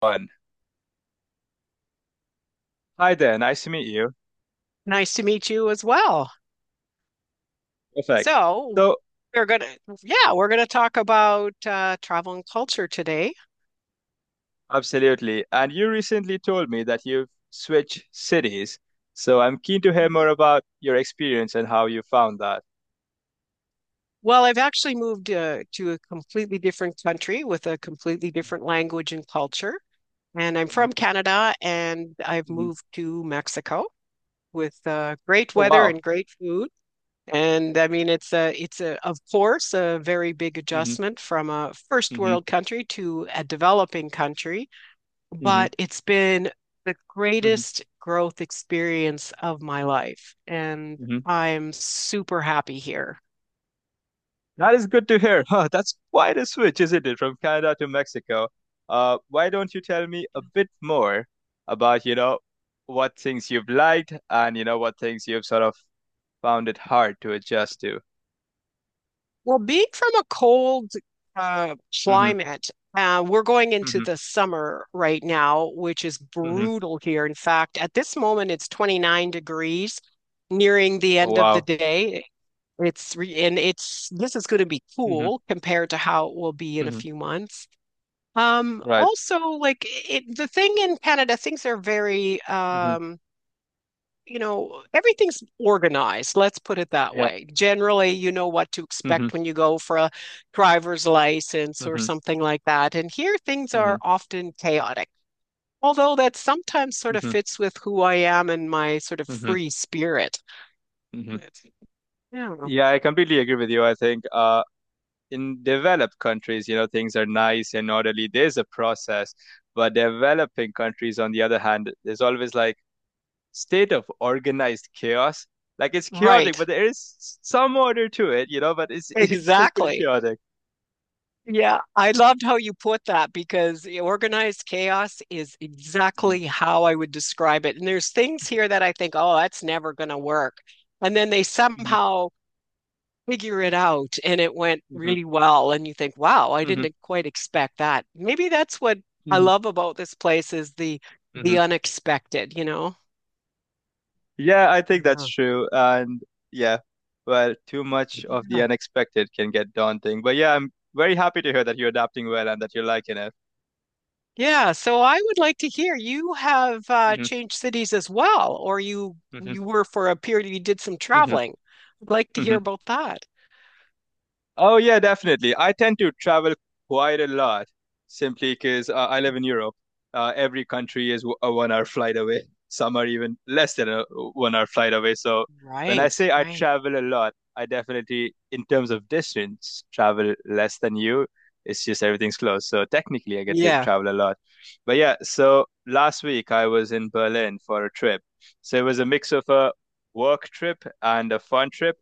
One. Hi there, nice to meet you. Nice to meet you as well. Perfect. So, So, we're gonna, yeah, we're gonna talk about travel and culture today. absolutely. And you recently told me that you've switched cities. So, I'm keen to hear more Mhm. about your experience and how you found that. Well, I've actually moved to a completely different country with a completely different language and culture. And I'm Mhm, from Canada and I've mhm. moved to Mexico with great Oh, weather wow. and great food. And I mean, it's a, of course, a very big Hmm. adjustment from a first Hmm. world country to a developing country, Hmm. but it's been the Hmm. greatest growth experience of my life, and Hmm. I'm super happy here. That is good to hear. Huh, that's quite a switch, isn't it, from Canada to Mexico? Why don't you tell me a bit more about, you know, what things you've liked and, you know, what things you've sort of found it hard to adjust to? Well, being from a cold uh, Mm-hmm. climate, we're going into Hmm. the summer right now, which is Hmm. brutal here. In fact, at this moment, it's 29 degrees, nearing the Oh, end of the wow. day. It's re and it's This is going to be Hmm. cool compared to how it will be in a Hmm. few months. Right. Also, the thing in Canada, things are very, Hmm. You know, everything's organized. Let's put it that Yeah. way. Generally, you know what to Hmm. Hmm. expect when you go for a driver's license or Hmm. something like that. And here, things are often chaotic, although that sometimes sort of Hmm. fits with who I am and my sort of Hmm. free spirit. Hmm. But, yeah, Yeah, I completely agree with you. I think in developed countries, you know, things are nice and orderly. There's a process, but developing countries, on the other hand, there's always like state of organized chaos. Like it's chaotic, right. but there is some order to it, you know, but it's it's still pretty Exactly. chaotic. Yeah, I loved how you put that because the organized chaos is Hmm. exactly how I would describe it. And there's things here that I think, oh, that's never going to work. And then they Hmm. somehow figure it out and it went Hmm. really well. And you think, wow, I didn't quite expect that. Maybe that's what I Hmm. love about this place is the Hmm. unexpected, you know? Yeah, I think that's true. And yeah, well, too much of the Yeah. unexpected can get daunting. But yeah, I'm very happy to hear that you're adapting well and that you're liking it. Yeah, so I would like to hear, you have Hmm. changed cities as well, or you Hmm. were for a period, you did some Hmm. traveling. I'd like to hear Hmm. about that. Oh yeah, definitely. I tend to travel quite a lot simply because I live in Europe. Every country is a one-hour flight away. Some are even less than a one-hour flight away. So when I Right, say I right. travel a lot, I definitely, in terms of distance, travel less than you. It's just everything's close. So technically, I get to Yeah. travel a lot. But yeah, so last week I was in Berlin for a trip. So it was a mix of a work trip and a fun trip.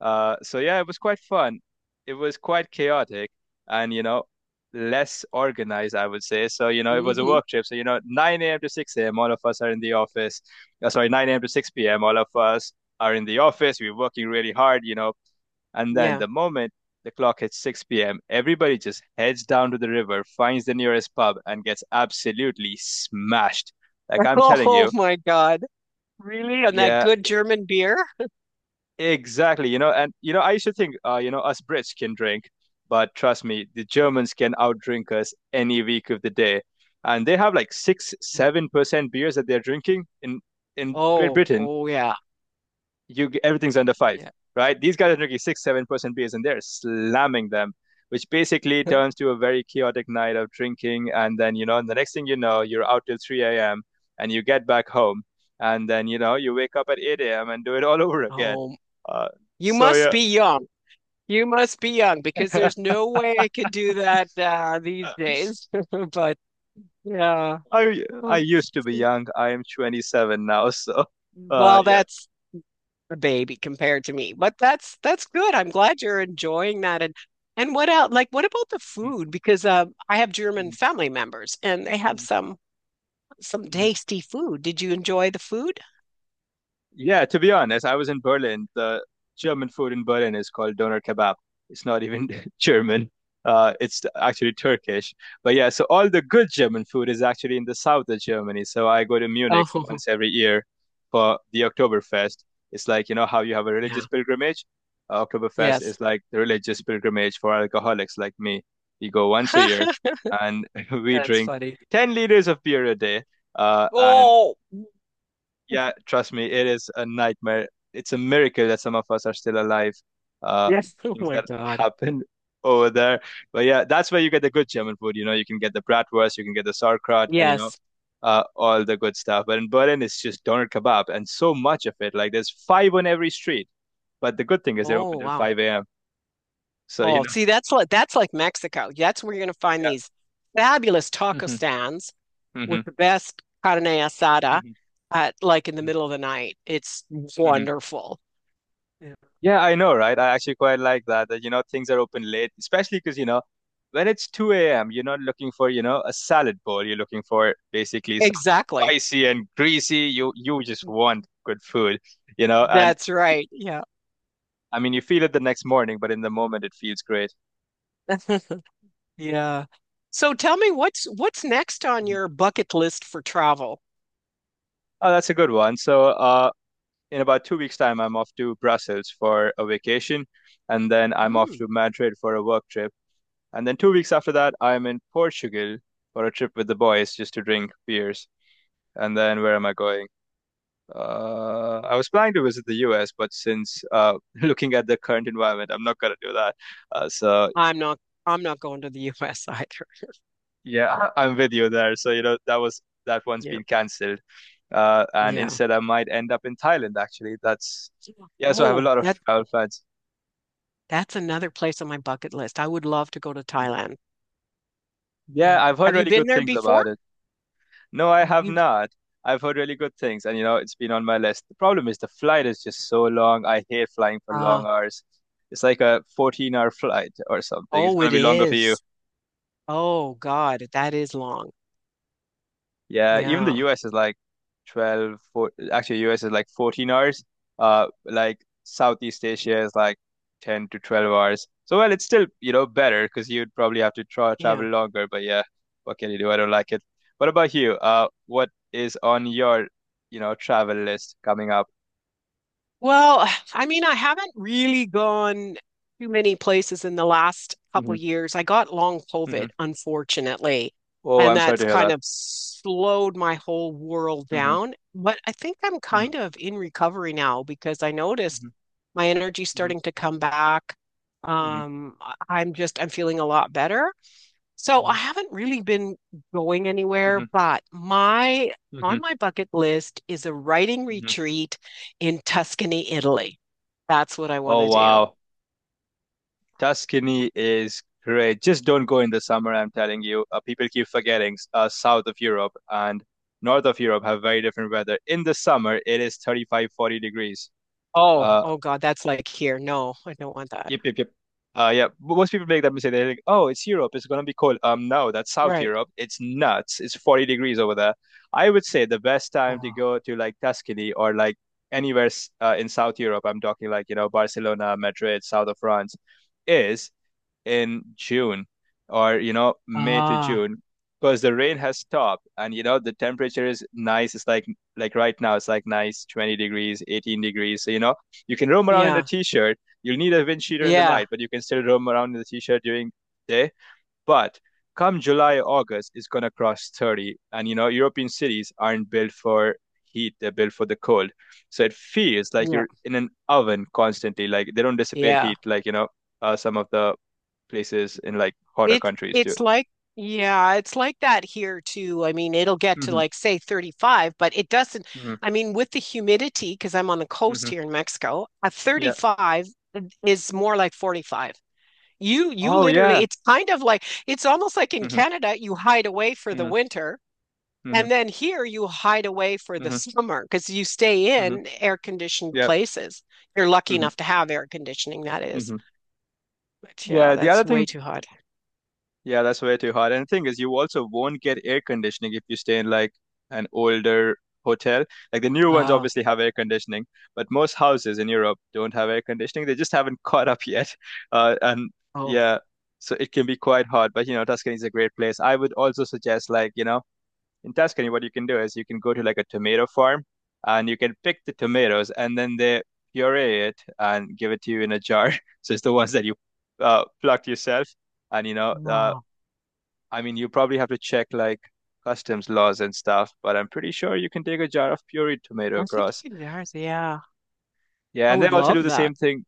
So yeah, it was quite fun. It was quite chaotic and, you know, less organized, I would say. So, you know, it was a Hmm. work trip. So, you know, 9 a.m. to 6 a.m., all of us are in the office. Sorry, 9 a.m. to 6 p.m., all of us are in the office. We're working really hard, you know. And then Yeah. the moment the clock hits 6 p.m., everybody just heads down to the river, finds the nearest pub, and gets absolutely smashed. Like I'm telling Oh you. my God. Really? And that Yeah, good German beer? exactly, you know, and you know, I used to think, you know, us Brits can drink, but trust me, the Germans can outdrink us any week of the day, and they have like six, Mm. seven percent beers that they're drinking in Great Oh, Britain. oh yeah. You Everything's under five, Yeah. right? These guys are drinking 6-7% beers, and they're slamming them, which basically turns to a very chaotic night of drinking. And then you know, the next thing you know, you're out till 3 a.m. and you get back home, and then you know, you wake up at 8 a.m. and do it all over again. Oh, Uh, you so must yeah, be young. You must be young because there's no way I could do that these days. But yeah. I used to be young. I am 27 now, so Well, yeah. that's a baby compared to me. But that's good. I'm glad you're enjoying that. And what else? Like, what about the food? Because I have German family members, and they have some tasty food. Did you enjoy the food? Yeah, to be honest, I was in Berlin. The German food in Berlin is called doner kebab. It's not even German. It's actually Turkish. But yeah, so all the good German food is actually in the south of Germany. So I go to Munich Oh, once every year for the Oktoberfest. It's like, you know, how you have a religious yeah. pilgrimage. Oktoberfest Yes. is like the religious pilgrimage for alcoholics like me. We go once a year and we That's drink funny. 10 liters of beer a day. And Oh, yeah, trust me, it is a nightmare. It's a miracle that some of us are still alive. Uh, yes. Oh Things my that God. happen over there. But yeah, that's where you get the good German food. You know, you can get the bratwurst, you can get the sauerkraut, and you know, Yes. All the good stuff. But in Berlin, it's just doner kebab and so much of it. Like there's five on every street. But the good thing is they're open Oh, till wow. 5 a.m. So, you Oh, know, see, that's like Mexico. That's where you're going to find yeah. these fabulous taco Hmm. stands with Hmm. the best carne asada Hmm. at, like, in the middle of the night. It's Hmm. wonderful. Yeah. Yeah, I know, right? I actually quite like that, that, you know, things are open late, especially because, you know, when it's 2 a.m., you're not looking for, you know, a salad bowl. You're looking for basically something Exactly. spicy and greasy. You just want good food, you know, and That's right. Yeah. I mean, you feel it the next morning, but in the moment it feels great. Yeah. So tell me, what's next on Mhm. your bucket list for travel? Oh, that's a good one. So, in about 2 weeks' time, I'm off to Brussels for a vacation, and then I'm off to Mm. Madrid for a work trip. And then 2 weeks after that, I'm in Portugal for a trip with the boys just to drink beers. And then where am I going? I was planning to visit the US, but since looking at the current environment, I'm not gonna do that. So I'm not I'm not going to the US either. yeah, I'm with you there. So you know that one's Yeah. been cancelled, and Yeah. instead I might end up in Thailand actually. That's Yeah. So I have a Oh, lot of travel plans. that's another place on my bucket list. I would love to go to Thailand. Yeah. Yeah, I've heard Have you really been good there things before? about it. No, I have You've not. I've heard really good things, and you know, it's been on my list. The problem is the flight is just so long. I hate flying for long uh, hours. It's like a 14-hour flight or something. It's oh, going it to be longer for you. is. Oh God, that is long. Yeah, even the Yeah. US is like 12, 4, actually US is like 14 hours. Like Southeast Asia is like 10 to 12 hours. So well, it's still, you know, better because you'd probably have to travel Yeah. longer, but yeah, what can you do? I don't like it. What about you? What is on your, you know, travel list coming up? Well, I mean, I haven't really gone too many places in the last couple Hmm. of years. I got long Hmm. COVID, unfortunately, Oh, and I'm sorry to that's hear kind that. of slowed my whole world Hmm. down. But I think I'm Hmm. kind of in recovery now because I noticed Hmm. my energy Hmm. starting to come back. Hmm. I'm just I'm feeling a lot better. So I haven't really been going anywhere, Hmm. but my Hmm. Hmm. on my bucket list is a writing Hmm. retreat in Tuscany, Italy. That's what I want Oh, to do. wow. Tuscany is great. Just don't go in the summer, I'm telling you. People keep forgetting south of Europe and north of Europe have very different weather. In the summer, it is 35, 40 degrees. Oh, Uh, oh God, that's like here. No, I don't want that. Yep, yep, yep. Yeah, but most people make that mistake. They're like, "Oh, it's Europe. It's gonna be cold." No, that's South Right. Europe. It's nuts. It's 40 degrees over there. I would say the best time to Oh. go to like Tuscany or like anywhere in South Europe. I'm talking like, you know, Barcelona, Madrid, south of France, is in June or you know May to Ah, June because the rain has stopped and you know the temperature is nice. It's like right now it's like nice 20 degrees, 18 degrees. So you know you can roam around in a yeah, t-shirt. You'll need a wind sheeter in the yeah, night, but you can still roam around in the t-shirt during day but come July, August, it's gonna cross 30. And you know, European cities aren't built for heat, they're built for the cold. So it feels like yeah, you're in an oven constantly. Like they don't yeah, dissipate yeah. heat like, you know, some of the places in like hotter countries do. It's like Yeah, it's like that here too. I mean, it'll get to Hmm. like say 35, but it doesn't. Hmm. I mean, with the humidity, because I'm on the coast Hmm. here in Mexico, a Yeah. 35 is more like 45. You Oh literally, yeah. it's kind of like it's almost like in Hmm. Canada, you hide away for the Hmm. winter, Hmm. and then here you hide away for the Hmm. summer because you stay Hmm. in air conditioned Yep. places. You're lucky Hmm. enough to have air conditioning, that is. Hmm. But yeah, Yeah. The other that's way thing too hot. Yeah, that's way too hot. And the thing is, you also won't get air conditioning if you stay in like an older hotel. Like the new ones Oh, obviously have air conditioning, but most houses in Europe don't have air conditioning. They just haven't caught up yet. And oh. yeah, so it can be quite hot. But you know, Tuscany is a great place. I would also suggest, like, you know, in Tuscany, what you can do is you can go to like a tomato farm and you can pick the tomatoes and then they puree it and give it to you in a jar. So it's the ones that you plucked yourself and you know Oh. I mean, you probably have to check like customs laws and stuff, but I'm pretty sure you can take a jar of pureed tomato I think across. you can do ours, yeah, Yeah, I and they would also, yeah, do love the same that. thing.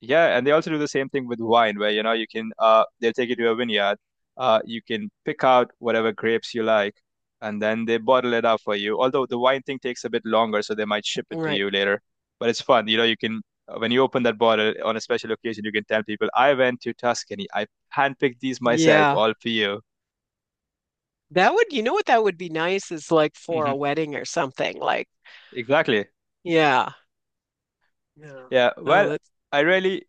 Yeah, and they also do the same thing with wine, where you know you can they'll take you to a vineyard, you can pick out whatever grapes you like, and then they bottle it up for you. Although the wine thing takes a bit longer, so they might ship it to Right. you later. But it's fun, you know. You can when you open that bottle on a special occasion, you can tell people, "I went to Tuscany. I handpicked these myself, Yeah. all for you." That would, you know what, that would be nice, is like for Hmm. a wedding or something. Like, Exactly. yeah. Yeah. Yeah, Oh, well, that's, I really,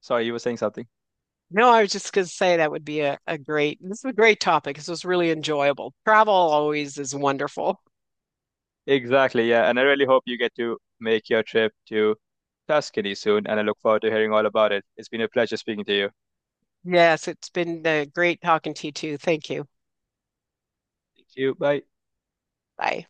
sorry, you were saying something. no, I was just going to say that would be a great, this is a great topic. This was really enjoyable. Travel always is wonderful. Exactly, yeah, and I really hope you get to make your trip to Tuscany soon, and I look forward to hearing all about it. It's been a pleasure speaking to you. Yes, it's been great talking to you too. Thank you. Thank you. Bye. Bye.